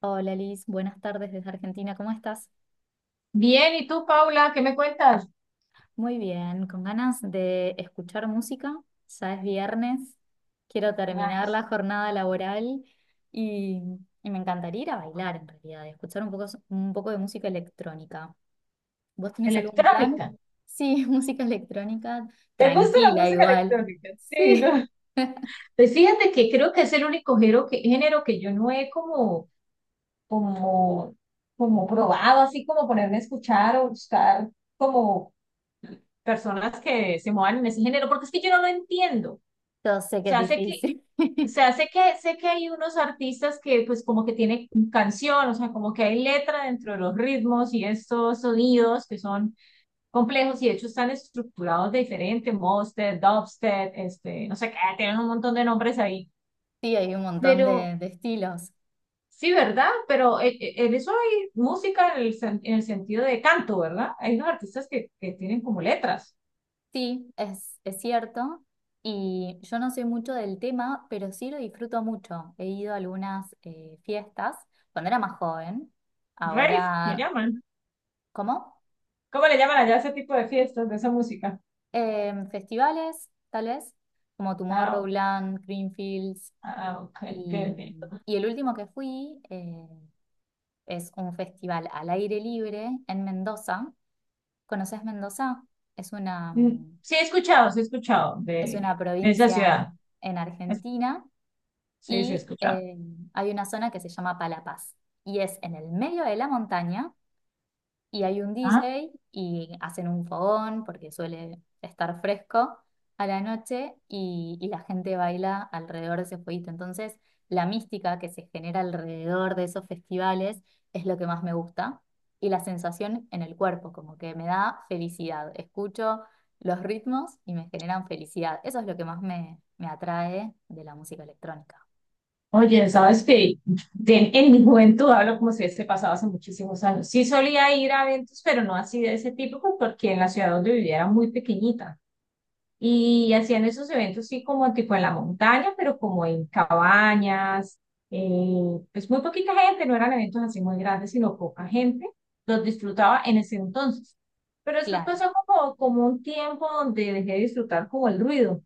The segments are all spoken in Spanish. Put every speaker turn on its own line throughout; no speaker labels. Hola Liz, buenas tardes desde Argentina, ¿cómo estás?
Bien, ¿y tú, Paula, qué me cuentas?
Muy bien, con ganas de escuchar música, ya es viernes, quiero terminar
Ay,
la jornada laboral y, y me encantaría ir a bailar en realidad, y escuchar un poco de música electrónica. ¿Vos tenés algún plan?
electrónica.
Sí, música electrónica,
¿Te gusta la
tranquila
música
igual.
electrónica? Sí,
Sí,
¿no? Pues fíjate que creo que es el único género que yo no he como, como, como probado, así como ponerme a escuchar o buscar como personas que se muevan en ese género, porque es que yo no lo entiendo. O
yo sé que es
sea, sé que,
difícil.
o sea, sé que hay unos artistas que pues como que tienen canción, o sea, como que hay letra dentro de los ritmos y estos sonidos que son complejos y de hecho están estructurados de diferente, Mosted, Dubstep, no sé qué, tienen un montón de nombres ahí,
Sí, hay un montón
pero
de estilos.
sí, ¿verdad? Pero en eso hay música en el, en el sentido de canto, ¿verdad? Hay unos artistas que tienen como letras,
Sí, es cierto. Y yo no soy mucho del tema, pero sí lo disfruto mucho. He ido a algunas fiestas cuando era más joven.
rave, le
Ahora,
llaman.
¿cómo?
¿Cómo le llaman allá a ese tipo de fiestas, de esa música?
Festivales, tal vez, como
Ah, o-
Tomorrowland, Greenfields.
ah, ok, ok,
Y,
ok.
y el último que fui es un festival al aire libre en Mendoza. ¿Conoces Mendoza? Es una,
Mm,
mm,
sí he escuchado,
es una
de esa
provincia
ciudad.
en
Es-
Argentina
Sí, sí he
y
escuchado.
hay una zona que se llama Palapaz y es en el medio de la montaña y hay un
Ah.
DJ y hacen un fogón porque suele estar fresco a la noche y la gente baila alrededor de ese fueguito. Entonces, la mística que se genera alrededor de esos festivales es lo que más me gusta y la sensación en el cuerpo, como que me da felicidad. Escucho los ritmos y me generan felicidad. Eso es lo que más me atrae de la música electrónica.
Oye, sabes que en mi juventud hablo como si hubiese pasado hace muchísimos años. Sí solía ir a eventos, pero no así de ese tipo, pues, porque en la ciudad donde vivía era muy pequeñita. Y hacían esos eventos sí como tipo en la montaña, pero como en cabañas, pues muy poquita gente, no eran eventos así muy grandes, sino poca gente. Los disfrutaba en ese entonces. Pero después
Claro.
pasó como un tiempo donde dejé de disfrutar como el ruido. O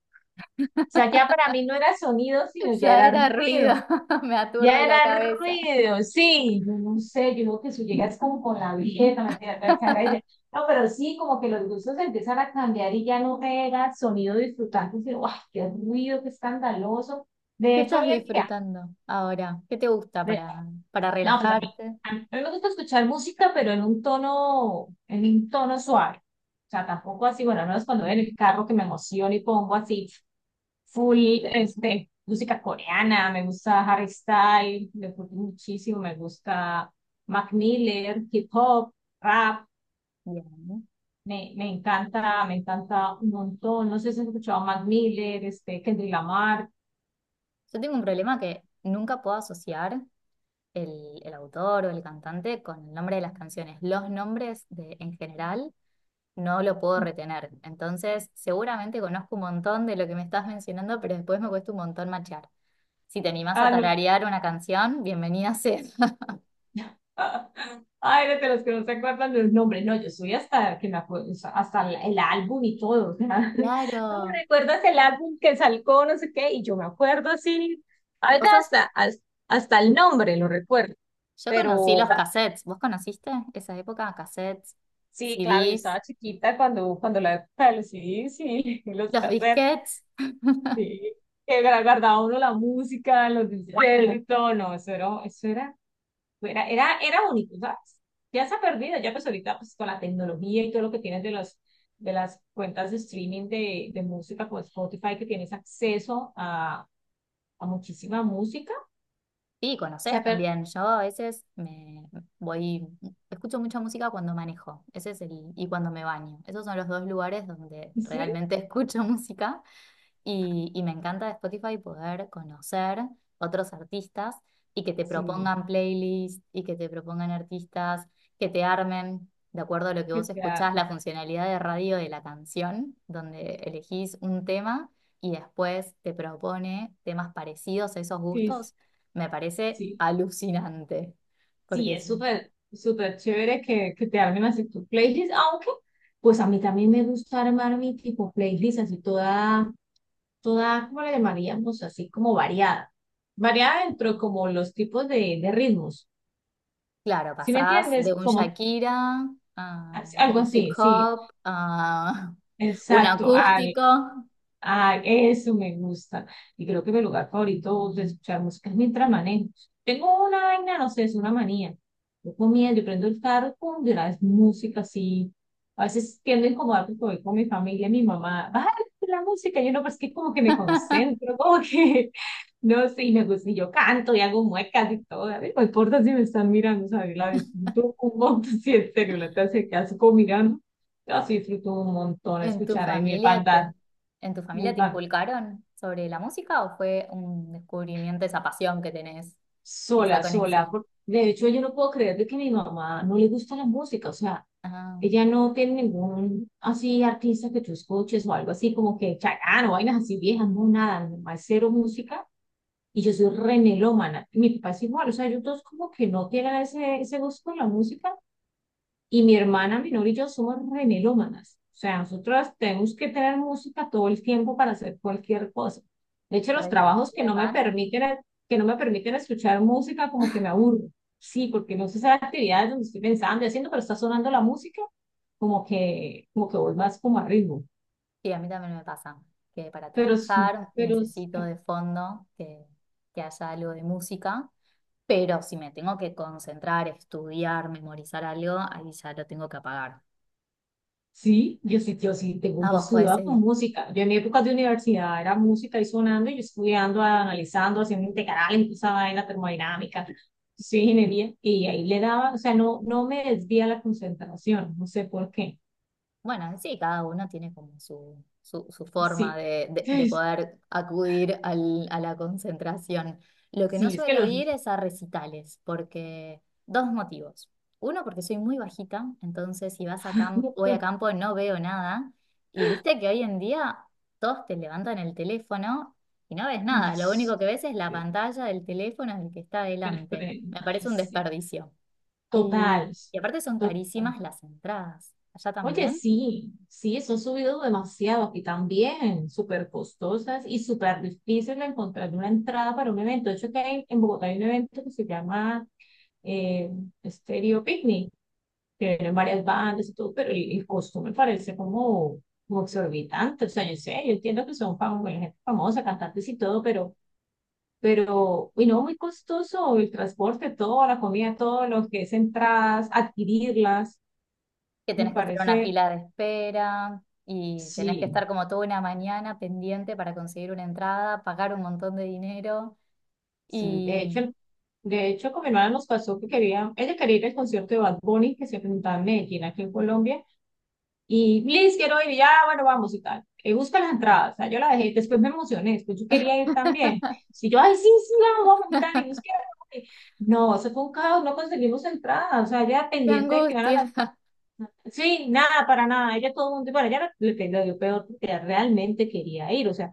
sea, ya para mí no era sonido, sino ya
Ya
era
era ruido,
ruido.
me aturde
Ya
la
era
cabeza.
ruido, sí, yo no sé, yo creo que si llegas como con la vieja, me tiene la cara y ya- No, pero sí, como que los gustos empiezan a cambiar y ya no era sonido disfrutante, sino, ¡guau! ¡Qué ruido, qué escandaloso! De
¿Qué
hecho,
estás
hoy en día,
disfrutando ahora? ¿Qué te gusta
de-
para
no, pues
relajarte?
a mí me gusta escuchar música, pero en un tono suave. O sea, tampoco así, bueno, no es cuando voy en el carro que me emociono y pongo así full música coreana, me gusta Harry Styles, me gusta muchísimo, me gusta Mac Miller, hip hop, rap,
Bien. ¿No?
me encanta un montón. No sé si has escuchado a Mac Miller, Kendrick Lamar.
Yo tengo un problema que nunca puedo asociar el autor o el cantante con el nombre de las canciones. Los nombres de, en general no lo puedo retener. Entonces, seguramente conozco un montón de lo que me estás mencionando, pero después me cuesta un montón machear. Si te animás a
Ah, no,
tararear una canción, bienvenida sea.
ay, de los que no se acuerdan del nombre. No, yo soy hasta que me acuerdo, hasta el álbum y todo. O sea, ¿no
Claro.
recuerdas el álbum que salió, no sé qué? Y yo me acuerdo así, algo
¿Vos sos
hasta el nombre lo recuerdo.
Yo conocí
Pero
los cassettes. ¿Vos conociste esa época? Cassettes,
sí, claro, yo
CDs,
estaba chiquita cuando la época de los CDs y los
los
cassettes,
disquetes.
sí, que guardaba uno la música, los discos y todo. No, eso era era único, ¿sabes? Ya se ha perdido, ya pues ahorita pues con la tecnología y todo lo que tienes de las cuentas de streaming de música como Spotify, que tienes acceso a muchísima música,
Sí,
se
conocés
ha perdido.
también. Yo a veces me voy, escucho mucha música cuando manejo. Ese es el, y cuando me baño. Esos son los dos lugares donde
Sí,
realmente escucho música. Y me encanta de Spotify poder conocer otros artistas y que te
sí,
propongan playlists y que te propongan artistas que te armen de acuerdo a lo que
que
vos
te ha-
escuchás, la funcionalidad de radio de la canción, donde elegís un tema y después te propone temas parecidos a esos
sí,
gustos, me parece
sí,
alucinante.
sí,
Porque,
es súper, súper chévere que te armen así tu playlist, aunque pues a mí también me gusta armar mi tipo playlist así toda toda, ¿cómo le llamaríamos? Así como variada. Variada dentro como los tipos de ritmos.
claro,
¿Sí me
pasás de
entiendes?
un
Como
Shakira a
algo
un hip
así, sí,
hop a un
exacto,
acústico.
ah, eso me gusta. Y creo que mi lugar favorito de escuchar música es mientras manejo. Tengo una vaina, no sé, es una manía. Yo comiendo, yo prendo el carro, pum, de una vez música así. A veces tiendo a incomodar porque voy con mi familia, mi mamá, baja la música. Yo no, pero es que como que me concentro, no sé, y me gusta, y yo canto y hago muecas y todo. A ver no importa si me están mirando, ¿sabes? La disfruto un montón, si en serio, la clase que hace como mirando. Yo sí disfruto un montón
¿En tu
escuchar ahí mi
familia te,
banda.
en tu familia te inculcaron sobre la música o fue un descubrimiento esa pasión que tenés, esa
Sola, sola.
conexión?
De hecho, yo no puedo creer de que mi mamá no le gusta la música. O sea,
Ah,
ella no tiene ningún así artista que tú escuches o algo así como que Chacán o vainas así viejas. No, nada. Mi mamá es cero música y yo soy re melómana. Mi papá es igual. O sea, ellos dos como que no tienen ese gusto por la música. Y mi hermana menor y yo somos remelómanas. O sea, nosotros tenemos que tener música todo el tiempo para hacer cualquier cosa. De hecho, los trabajos que
¿recitales
no me
van?
permiten, que no me permiten escuchar música, como que me aburro. Sí, porque no sé esas actividades donde estoy pensando y haciendo, pero está sonando la música, como que voy más como a ritmo.
Sí, a mí también me pasa que, para
Pero sí,
trabajar
pero sí.
necesito de fondo que haya algo de música, pero si me tengo que concentrar, estudiar, memorizar algo, ahí ya lo tengo que apagar.
Sí, tengo,
Ah,
yo
vos podés
estudiaba
seguir.
con música. Yo en mi época de universidad era música y sonando, y yo estudiando, analizando, haciendo integrales, toda esa vaina termodinámica, sí, ingeniería, y ahí le daba, o sea, no, no me desvía la concentración, no sé por qué.
Bueno, sí, cada uno tiene como su forma
Sí,
de, de- de
es-
poder acudir a la concentración. Lo que no
sí, es que
suelo ir
los...
es a recitales, porque dos motivos. Uno, porque soy muy bajita, entonces si vas a campo, voy a campo no veo nada. Y viste que hoy en día todos te levantan el teléfono y no ves
Ay,
nada. Lo único que ves es la
sí,
pantalla del teléfono del que está
pero- pero-
adelante. Me
ay,
parece un
sí,
desperdicio.
total,
Y aparte son
total.
carísimas las entradas. ¿Allá
Oye,
también?
sí, sí, son subidos demasiado y también súper costosas y súper difícil de encontrar una entrada para un evento. De hecho, en Bogotá hay un evento que se llama eh, Stereo Picnic, que tienen varias bandas y todo, pero el costo me parece como, como exorbitante. O sea, yo sé, yo entiendo que son bueno, gente famosa, cantantes y todo, y no, muy costoso el transporte, todo, la comida, todo lo que es entradas, adquirirlas,
Que
me
tenés que estar en una
parece.
fila de espera y tenés que
Sí,
estar como toda una mañana pendiente para conseguir una entrada, pagar un montón de dinero
sí,
y
de hecho, con mi hermana nos pasó que quería, ella quería ir al concierto de Bad Bunny que se presentaba en Medellín, aquí en Colombia, y Liz, quiero ir, y ya, bueno, vamos y tal. Busca las entradas, o sea, yo la dejé, después me emocioné, después yo quería ir también. Si yo, ay, sí, sí, vamos, vamos y tal, y busqué, y- no, eso fue un caos, no conseguimos entradas, o sea, ella
qué
pendiente de que van a
angustia.
las, sí, nada, para nada, ella todo el mundo, bueno, ella dio peor, porque ella realmente quería ir, o sea,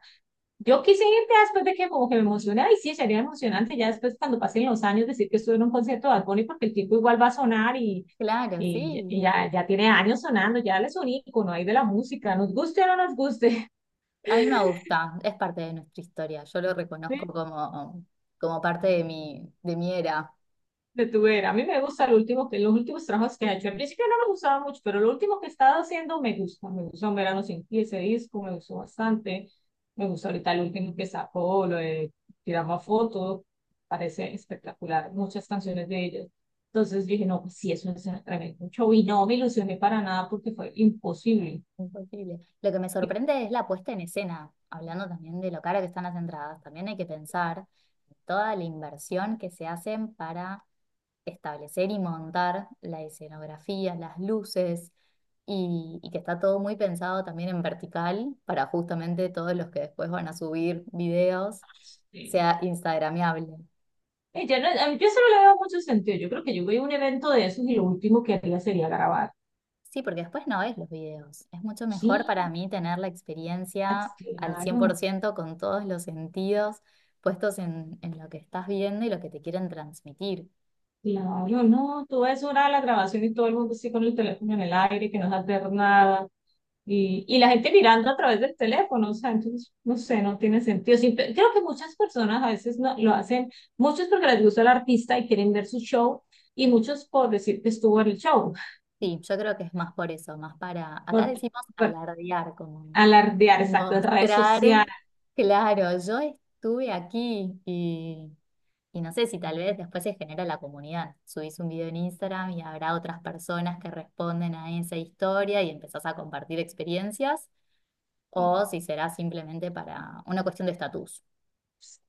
yo quise ir ya después de que como que me emocioné, y sí, sería emocionante ya después cuando pasen los años decir que estuve en un concierto de Bad Bunny porque el tipo igual va a sonar
Claro, sí.
y ya, ya tiene años sonando, ya él es un ícono ahí de la música, nos guste o no nos guste.
A mí me gusta, es parte de nuestra historia. Yo lo reconozco como, como parte de mi era.
De tu era. A mí me gusta lo último que, los últimos trabajos que he hecho. Al principio no me gustaba mucho, pero lo último que he estado haciendo me gusta. Me gustó Un Verano Sin Ti, ese disco, me gustó bastante. Me gusta ahorita el último que sacó, lo de Tiramos Fotos. Parece espectacular, muchas canciones de ellos. Entonces dije, no, pues sí, eso es un tremendo show. Y no me ilusioné para nada porque fue imposible.
Imposible. Lo que me
Y
sorprende es la puesta en escena, hablando también de lo cara que están las entradas. También hay que pensar en toda la inversión que se hacen para establecer y montar la escenografía, las luces, y que está todo muy pensado también en vertical para justamente todos los que después van a subir videos
sí,
sea instagramiable.
ella no, yo solo le veo mucho sentido. Yo creo que yo voy a un evento de esos y lo último que haría sería grabar.
Sí, porque después no ves los videos. Es mucho mejor
Sí,
para mí tener la experiencia al cien por
claro,
ciento con todos los sentidos puestos en lo que estás viendo y lo que te quieren transmitir.
claro, no. Tú ves una hora de la grabación y todo el mundo así con el teléfono en el aire, que no sabe hacer nada. Y la gente mirando a través del teléfono, o sea, entonces, no sé, no tiene sentido. Sí, creo que muchas personas a veces no, lo hacen, muchos porque les gusta el artista y quieren ver su show, y muchos por decir que estuvo en el show,
Sí, yo creo que es más por eso, más para, acá
por,
decimos
por
alardear, como
alardear, exacto, en redes
mostrar,
sociales.
claro, yo estuve aquí y no sé si tal vez después se genera la comunidad. Subís un video en Instagram y habrá otras personas que responden a esa historia y empezás a compartir experiencias, o si será simplemente para una cuestión de estatus.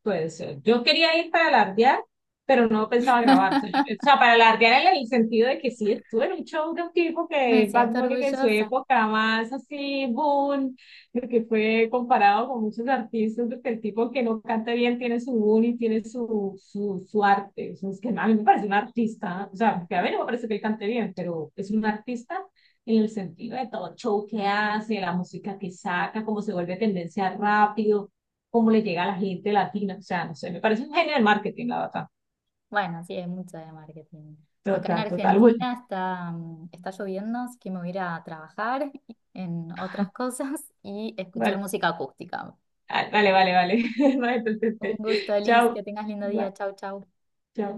Puede ser. Yo quería ir para alardear, pero no pensaba grabar. O sea, o sea, para alardear en el sentido de que sí, estuve en un show de un tipo
Me
que Bad
siento
Bunny que en su
orgullosa.
época más así, boom, de que fue comparado con muchos artistas, porque el tipo que no canta bien tiene su boom y tiene su, su arte. O sea, es que a mí me parece un artista, o sea, porque a mí no me parece que él cante bien, pero es un artista en el sentido de todo el show que hace, la música que saca, cómo se vuelve tendencia rápido cómo le llega a la gente latina. O sea, no sé, me parece un genio del marketing, la verdad.
Bueno, sí, hay mucho de marketing. Acá en
Total, total. Bueno,
Argentina está lloviendo, así que me voy a ir a trabajar en otras cosas y escuchar
vale,
música acústica.
vale. Vale, entonces,
Un gusto, Liz.
chao.
Que tengas lindo
Va,
día. Chau, chau.
chao.